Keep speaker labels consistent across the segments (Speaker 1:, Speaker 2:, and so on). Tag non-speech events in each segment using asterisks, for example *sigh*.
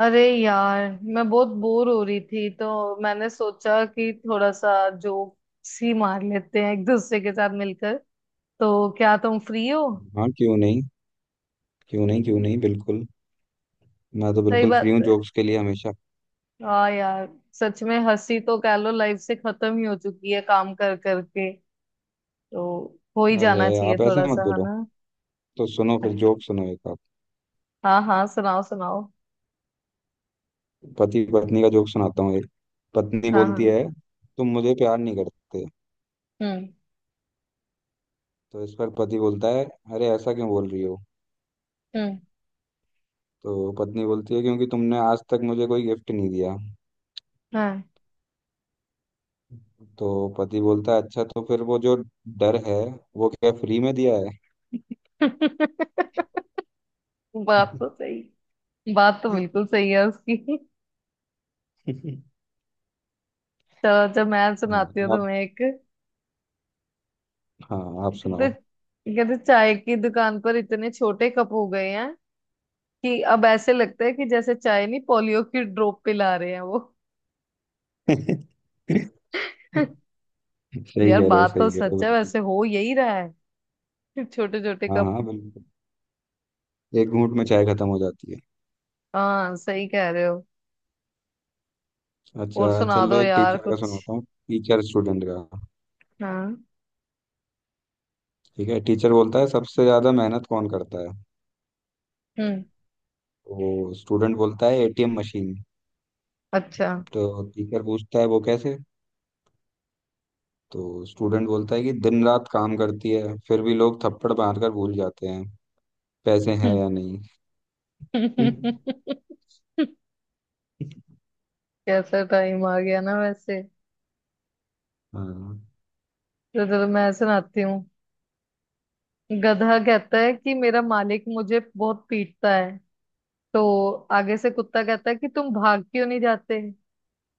Speaker 1: अरे यार, मैं बहुत बोर हो रही थी तो मैंने सोचा कि थोड़ा सा जोक्स ही मार लेते हैं एक दूसरे के साथ मिलकर। तो क्या तुम फ्री हो?
Speaker 2: हाँ क्यों नहीं क्यों नहीं बिल्कुल। मैं तो
Speaker 1: सही
Speaker 2: बिल्कुल फ्री
Speaker 1: बात
Speaker 2: हूँ
Speaker 1: है।
Speaker 2: जोक्स के लिए हमेशा।
Speaker 1: हाँ यार, सच में हंसी तो कह लो लाइफ से खत्म ही हो चुकी है काम कर करके। तो हो ही
Speaker 2: अरे
Speaker 1: जाना चाहिए
Speaker 2: आप ऐसे
Speaker 1: थोड़ा
Speaker 2: मत
Speaker 1: सा, है
Speaker 2: बोलो।
Speaker 1: ना।
Speaker 2: तो सुनो फिर जोक सुनो एक आप।
Speaker 1: हाँ हाँ, सुनाओ सुनाओ।
Speaker 2: पति पत्नी का जोक सुनाता हूँ एक। पत्नी
Speaker 1: हाँ
Speaker 2: बोलती
Speaker 1: हाँ।
Speaker 2: है तुम मुझे प्यार नहीं करते।
Speaker 1: हम्म।
Speaker 2: तो इस पर पति बोलता है अरे ऐसा क्यों बोल रही हो।
Speaker 1: हम्म।
Speaker 2: तो पत्नी बोलती है क्योंकि तुमने आज तक मुझे कोई गिफ्ट नहीं दिया।
Speaker 1: हाँ।
Speaker 2: तो पति बोलता है अच्छा तो फिर वो जो डर है वो क्या फ्री में दिया है?
Speaker 1: *laughs* बात तो
Speaker 2: *laughs*
Speaker 1: सही। बात तो बिल्कुल सही है उसकी। तो जब मैं
Speaker 2: हाँ
Speaker 1: सुनाती हूँ
Speaker 2: आप।
Speaker 1: तुम्हें एक।
Speaker 2: हाँ आप
Speaker 1: कहते
Speaker 2: सुनाओ।
Speaker 1: कहते चाय की दुकान पर इतने छोटे कप हो गए हैं कि अब ऐसे लगता है कि जैसे चाय नहीं पोलियो की ड्रॉप पिला रहे हैं वो।
Speaker 2: *laughs*
Speaker 1: *laughs*
Speaker 2: सही
Speaker 1: यार,
Speaker 2: कह रहे हो
Speaker 1: बात तो
Speaker 2: सही कह रहे
Speaker 1: सच
Speaker 2: हो
Speaker 1: है,
Speaker 2: बिल्कुल।
Speaker 1: वैसे हो यही रहा है। *laughs* छोटे छोटे
Speaker 2: हाँ
Speaker 1: कप।
Speaker 2: हाँ बिल्कुल। एक घूंट में चाय खत्म हो जाती है।
Speaker 1: हाँ सही कह रहे हो। और
Speaker 2: अच्छा
Speaker 1: सुना
Speaker 2: चलो
Speaker 1: दो
Speaker 2: एक
Speaker 1: यार
Speaker 2: टीचर का
Speaker 1: कुछ।
Speaker 2: सुनाता हूँ। टीचर स्टूडेंट का।
Speaker 1: हाँ।
Speaker 2: ठीक है, टीचर बोलता है सबसे ज्यादा मेहनत कौन करता है?
Speaker 1: हम्म।
Speaker 2: तो स्टूडेंट बोलता है एटीएम मशीन।
Speaker 1: अच्छा।
Speaker 2: तो टीचर पूछता है वो कैसे? तो स्टूडेंट बोलता है कि दिन रात काम करती है फिर भी लोग थप्पड़ मारकर भूल जाते हैं पैसे हैं
Speaker 1: हम्म।
Speaker 2: या नहीं।
Speaker 1: *laughs*
Speaker 2: *laughs*
Speaker 1: कैसा टाइम आ गया ना वैसे।
Speaker 2: हाँ।
Speaker 1: तो चलो मैं सुनाती हूँ। गधा कहता है कि मेरा मालिक मुझे बहुत पीटता है। तो आगे से कुत्ता कहता है कि तुम भाग क्यों नहीं जाते।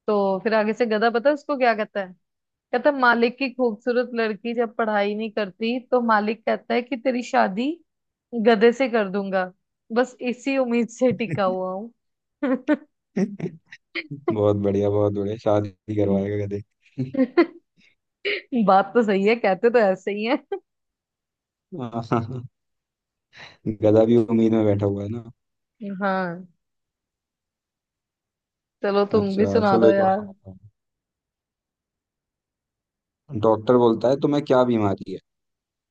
Speaker 1: तो फिर आगे से गधा, पता है उसको क्या कहता है। कहता है मालिक की खूबसूरत लड़की जब पढ़ाई नहीं करती तो मालिक कहता है कि तेरी शादी गधे से कर दूंगा। बस इसी उम्मीद से टिका हुआ हूँ। *laughs*
Speaker 2: *laughs* बहुत बढ़िया, बहुत बढ़िया। शादी करवाएगा गधे। *laughs*
Speaker 1: बात तो सही है, कहते तो ऐसे ही है।
Speaker 2: हाँ हाँ। गधा भी उम्मीद में बैठा हुआ है ना।
Speaker 1: हाँ। चलो तुम भी
Speaker 2: अच्छा
Speaker 1: सुना
Speaker 2: चलो
Speaker 1: दो
Speaker 2: एक और
Speaker 1: यार।
Speaker 2: सुनाता हूँ। डॉक्टर बोलता है तुम्हें क्या बीमारी है?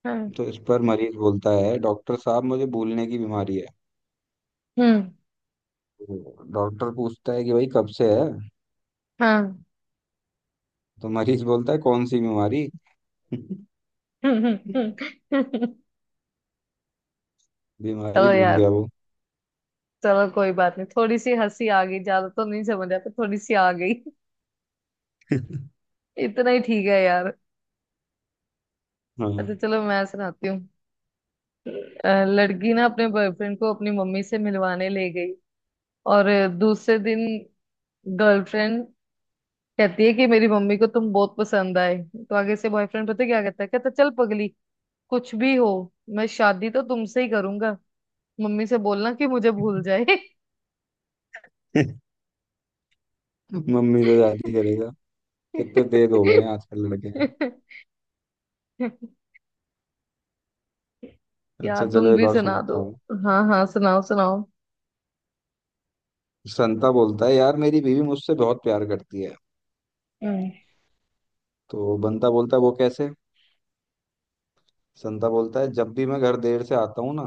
Speaker 1: हाँ।
Speaker 2: तो इस पर मरीज बोलता है डॉक्टर साहब मुझे भूलने की बीमारी है।
Speaker 1: हम्म।
Speaker 2: तो डॉक्टर पूछता है कि भाई कब से है?
Speaker 1: हाँ।
Speaker 2: तो मरीज बोलता है कौन सी बीमारी? *laughs*
Speaker 1: *laughs* चलो।
Speaker 2: बीमारी भूल
Speaker 1: यार,
Speaker 2: गया वो।
Speaker 1: चलो कोई बात नहीं, थोड़ी सी हंसी आ गई, ज्यादा तो नहीं समझ आता, थोड़ी सी आ गई। इतना ही ठीक है यार। अच्छा
Speaker 2: हाँ।
Speaker 1: चलो मैं सुनाती हूँ। लड़की ना अपने बॉयफ्रेंड को अपनी मम्मी से मिलवाने ले गई और दूसरे दिन गर्लफ्रेंड कहती है कि मेरी मम्मी को तुम बहुत पसंद आए। तो आगे से बॉयफ्रेंड पता है क्या कहता है। कहता चल पगली, कुछ भी हो, मैं शादी तो तुमसे ही करूंगा। मम्मी से बोलना कि मुझे भूल जाए।
Speaker 2: *laughs* मम्मी तो शादी करेगा। कितने तेज हो गए हैं आजकल लड़के।
Speaker 1: *laughs* यार
Speaker 2: अच्छा चलो
Speaker 1: तुम
Speaker 2: एक
Speaker 1: भी
Speaker 2: और
Speaker 1: सुना दो।
Speaker 2: सुनाता हूँ।
Speaker 1: हाँ हाँ, सुनाओ सुनाओ।
Speaker 2: संता बोलता है यार मेरी बीवी मुझसे बहुत प्यार करती है।
Speaker 1: हम्म।
Speaker 2: तो बंता बोलता है वो कैसे? संता बोलता है जब भी मैं घर देर से आता हूँ ना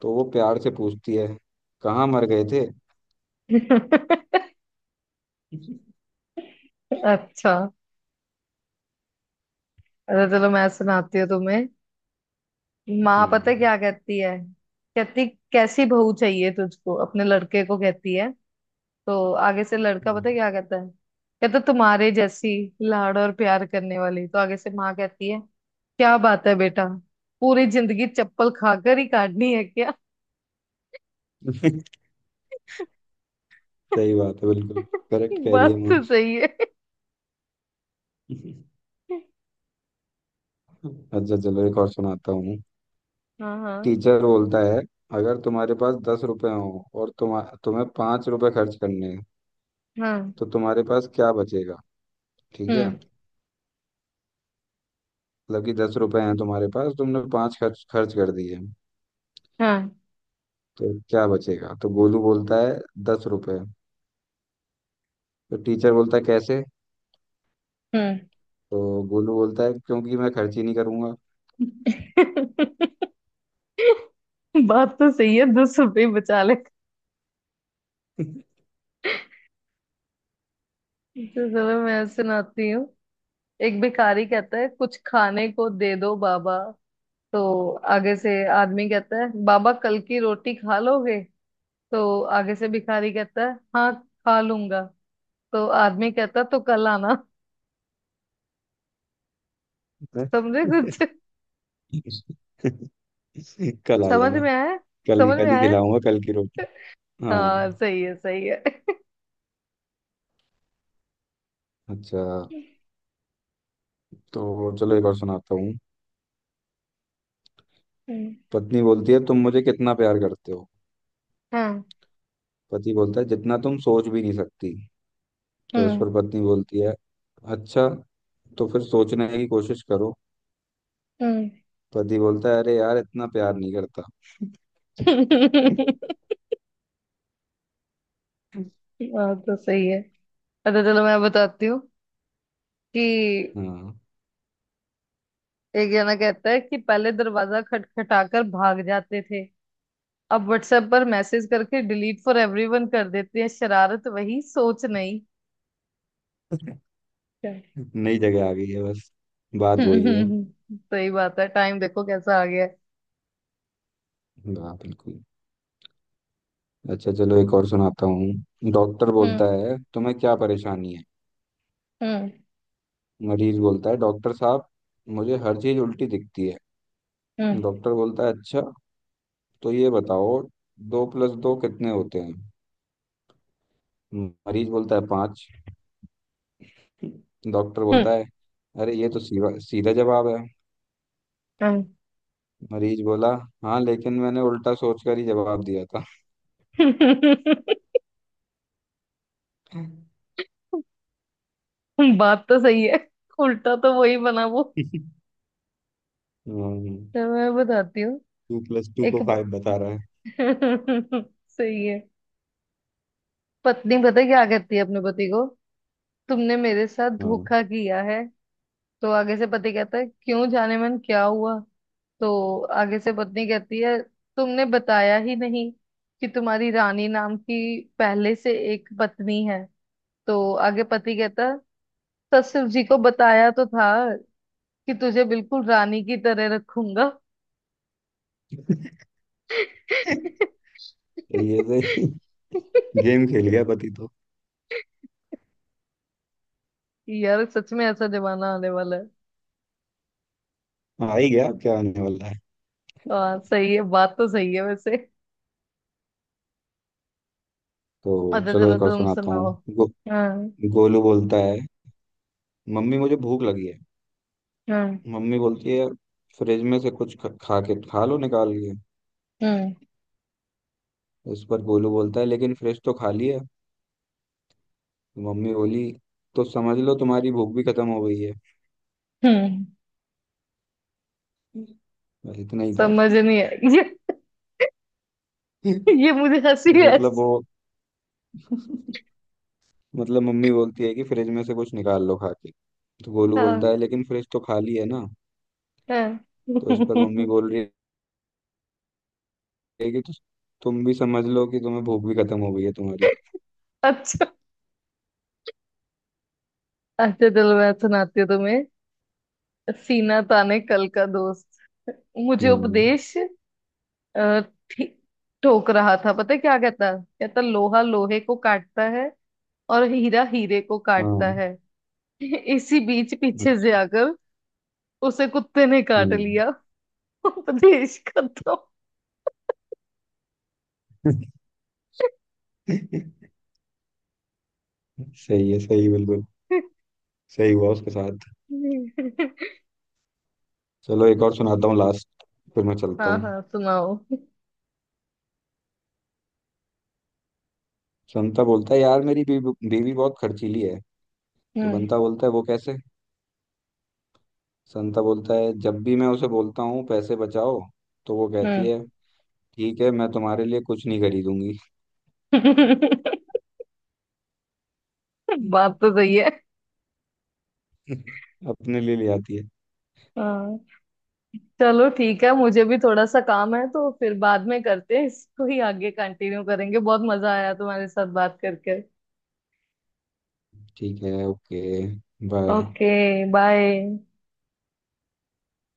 Speaker 2: तो वो प्यार से पूछती है कहाँ मर गए थे।
Speaker 1: *laughs* अच्छा। अरे चलो मैं सुनाती हूँ तुम्हें। माँ पता है
Speaker 2: हम्म
Speaker 1: क्या कहती है। कहती कैसी बहू चाहिए तुझको, अपने लड़के को कहती है। तो आगे से लड़का
Speaker 2: हम्म।
Speaker 1: पता है क्या कहता है। कहता तुम्हारे जैसी, लाड़ और प्यार करने वाली। तो आगे से माँ कहती है क्या बात है बेटा, पूरी जिंदगी चप्पल खाकर ही काटनी है क्या।
Speaker 2: *laughs* सही बात है बिल्कुल।
Speaker 1: *laughs*
Speaker 2: करेक्ट कह रही है
Speaker 1: बात
Speaker 2: माँ।
Speaker 1: तो सही है।
Speaker 2: अच्छा चलो एक और सुनाता हूँ।
Speaker 1: हाँ हाँ
Speaker 2: टीचर बोलता है अगर तुम्हारे पास दस रुपए हो और तुम्हें पांच रुपए खर्च करने हैं
Speaker 1: हाँ।
Speaker 2: तो तुम्हारे पास क्या बचेगा? ठीक है,
Speaker 1: हम्म।
Speaker 2: मतलब कि दस रुपए हैं तुम्हारे पास, तुमने पांच खर्च खर्च कर दिए
Speaker 1: हाँ।
Speaker 2: तो क्या बचेगा? तो गोलू बोलता है दस रुपए। तो टीचर बोलता है कैसे?
Speaker 1: हम्म।
Speaker 2: तो गोलू बोलता है क्योंकि मैं खर्च ही नहीं करूंगा।
Speaker 1: *laughs* बात तो सही है, 10 रुपये बचा ले। तो चलो मैं सुनाती हूँ। एक भिखारी कहता है कुछ खाने को दे दो बाबा। तो आगे से आदमी कहता है बाबा कल की रोटी खा लोगे। तो आगे से भिखारी कहता है हाँ, खा लूंगा। तो आदमी कहता है, तो कल आना। समझे कुछ?
Speaker 2: *laughs* कल आ
Speaker 1: समझ
Speaker 2: जाना।
Speaker 1: में आया।
Speaker 2: कल ही
Speaker 1: समझ में
Speaker 2: कल ही
Speaker 1: आया।
Speaker 2: खिलाऊंगा कल की रोटी।
Speaker 1: हाँ
Speaker 2: हाँ।
Speaker 1: सही है सही है। *laughs*
Speaker 2: अच्छा तो चलो एक और सुनाता हूँ।
Speaker 1: हम्म।
Speaker 2: पत्नी बोलती है तुम मुझे कितना प्यार करते हो?
Speaker 1: हाँ।
Speaker 2: पति बोलता है जितना तुम सोच भी नहीं सकती। तो इस
Speaker 1: हम्म।
Speaker 2: पर पत्नी बोलती है अच्छा, तो फिर सोचने की कोशिश करो।
Speaker 1: हम्म।
Speaker 2: पति बोलता है अरे यार इतना प्यार नहीं करता।
Speaker 1: बात तो सही है। अच्छा चलो मैं बताती हूँ कि
Speaker 2: हाँ।
Speaker 1: एक जना कहता है कि पहले दरवाजा खटखटाकर भाग जाते थे, अब व्हाट्सएप पर मैसेज करके डिलीट फॉर एवरीवन कर देते हैं। शरारत वही, सोच नहीं।
Speaker 2: *laughs*
Speaker 1: क्या? *laughs*
Speaker 2: नई जगह आ गई है बस। बात वही है।
Speaker 1: हम्म, सही बात है, टाइम देखो कैसा आ गया है।
Speaker 2: हाँ बिल्कुल। अच्छा चलो एक और सुनाता हूँ। डॉक्टर बोलता
Speaker 1: हम्म।
Speaker 2: है तुम्हें क्या परेशानी है?
Speaker 1: हम्म।
Speaker 2: मरीज बोलता है डॉक्टर साहब मुझे हर चीज उल्टी दिखती है।
Speaker 1: हम्म।
Speaker 2: डॉक्टर बोलता है अच्छा तो ये बताओ दो प्लस दो कितने होते हैं? मरीज बोलता है पाँच। डॉक्टर बोलता है अरे ये तो सीधा सीधा जवाब है।
Speaker 1: हम्म,
Speaker 2: मरीज बोला हाँ लेकिन मैंने उल्टा सोच कर ही जवाब दिया था।
Speaker 1: *laughs* बात तो सही है, उल्टा तो वही बना वो।
Speaker 2: *laughs*
Speaker 1: चलो मैं बताती हूँ।
Speaker 2: टू प्लस टू को
Speaker 1: एक ब-
Speaker 2: फाइव बता रहा है।
Speaker 1: *laughs* सही है। पत्नी पता है क्या कहती है अपने पति को, तुमने मेरे साथ
Speaker 2: हाँ।
Speaker 1: धोखा किया है। तो आगे से पति कहता है क्यों, जाने मन क्या हुआ। तो आगे से पत्नी कहती है तुमने बताया ही नहीं कि तुम्हारी रानी नाम की पहले से एक पत्नी है। तो आगे पति कहता ससुर जी को बताया तो था कि तुझे बिल्कुल रानी की तरह रखूंगा।
Speaker 2: *laughs*
Speaker 1: *laughs*
Speaker 2: ये तो गेम खेल गया पति तो।
Speaker 1: यार सच में ऐसा जमाना आने वाला है।
Speaker 2: आ ही गया, अब क्या आने वाला है।
Speaker 1: हाँ सही है, बात तो सही है वैसे।
Speaker 2: तो
Speaker 1: अच्छा
Speaker 2: चलो
Speaker 1: चलो
Speaker 2: एक और
Speaker 1: तुम
Speaker 2: सुनाता हूँ।
Speaker 1: सुनाओ। हाँ।
Speaker 2: गोलू बोलता है मम्मी मुझे भूख लगी है।
Speaker 1: हाँ।
Speaker 2: मम्मी बोलती है फ्रिज में से कुछ खा के खा लो निकाल के।
Speaker 1: हम्म।
Speaker 2: इस पर गोलू बोलता है लेकिन फ्रिज तो खाली है। मम्मी बोली तो समझ लो तुम्हारी भूख भी खत्म हो गई है।
Speaker 1: हम्म।
Speaker 2: बस इतना ही था।
Speaker 1: समझ नहीं है ये
Speaker 2: *laughs*
Speaker 1: ये
Speaker 2: नहीं,
Speaker 1: मुझे हंसी है।
Speaker 2: मतलब वो मतलब मम्मी बोलती है कि फ्रिज में से कुछ निकाल लो खा के। तो गोलू बोलता
Speaker 1: हाँ।
Speaker 2: है लेकिन फ्रिज तो खाली है ना।
Speaker 1: हाँ।
Speaker 2: तो इस पर
Speaker 1: *laughs*
Speaker 2: मम्मी बोल रही है कि "तो तुम भी समझ लो कि तुम्हें भूख भी खत्म हो गई है तुम्हारी।
Speaker 1: अच्छा। अच्छा चलो मैं सुनाती हूँ तुम्हें। सीना ताने कल का दोस्त मुझे
Speaker 2: हम्म।
Speaker 1: उपदेश अ, ठी- ठोक रहा था। पता है क्या कहता, कहता लोहा लोहे को काटता है और हीरा हीरे को
Speaker 2: हाँ।
Speaker 1: काटता है। इसी बीच पीछे से
Speaker 2: अच्छा।
Speaker 1: आकर उसे कुत्ते ने काट
Speaker 2: हम्म
Speaker 1: लिया। *laughs* उपदेश खत्म।
Speaker 2: *laughs* सही है सही बिल्कुल। सही हुआ उसके साथ। चलो एक और सुनाता हूँ लास्ट, फिर मैं चलता
Speaker 1: हाँ
Speaker 2: हूँ।
Speaker 1: हाँ सुनाओ।
Speaker 2: संता बोलता है यार मेरी बीवी बीवी बहुत खर्चीली है। तो
Speaker 1: हम्म।
Speaker 2: बंता बोलता है वो कैसे? संता बोलता है जब भी मैं उसे बोलता हूँ पैसे बचाओ तो वो
Speaker 1: हम्म।
Speaker 2: कहती है ठीक है मैं तुम्हारे लिए कुछ नहीं खरीदूंगी।
Speaker 1: *laughs* बात तो सही है।
Speaker 2: *laughs* अपने लिए ले आती है।
Speaker 1: हाँ। चलो ठीक है, मुझे भी थोड़ा सा काम है तो फिर बाद में करते हैं, इसको ही आगे कंटिन्यू करेंगे। बहुत मजा आया तुम्हारे साथ बात करके।
Speaker 2: ठीक है, ओके। बाय।
Speaker 1: ओके। बाय।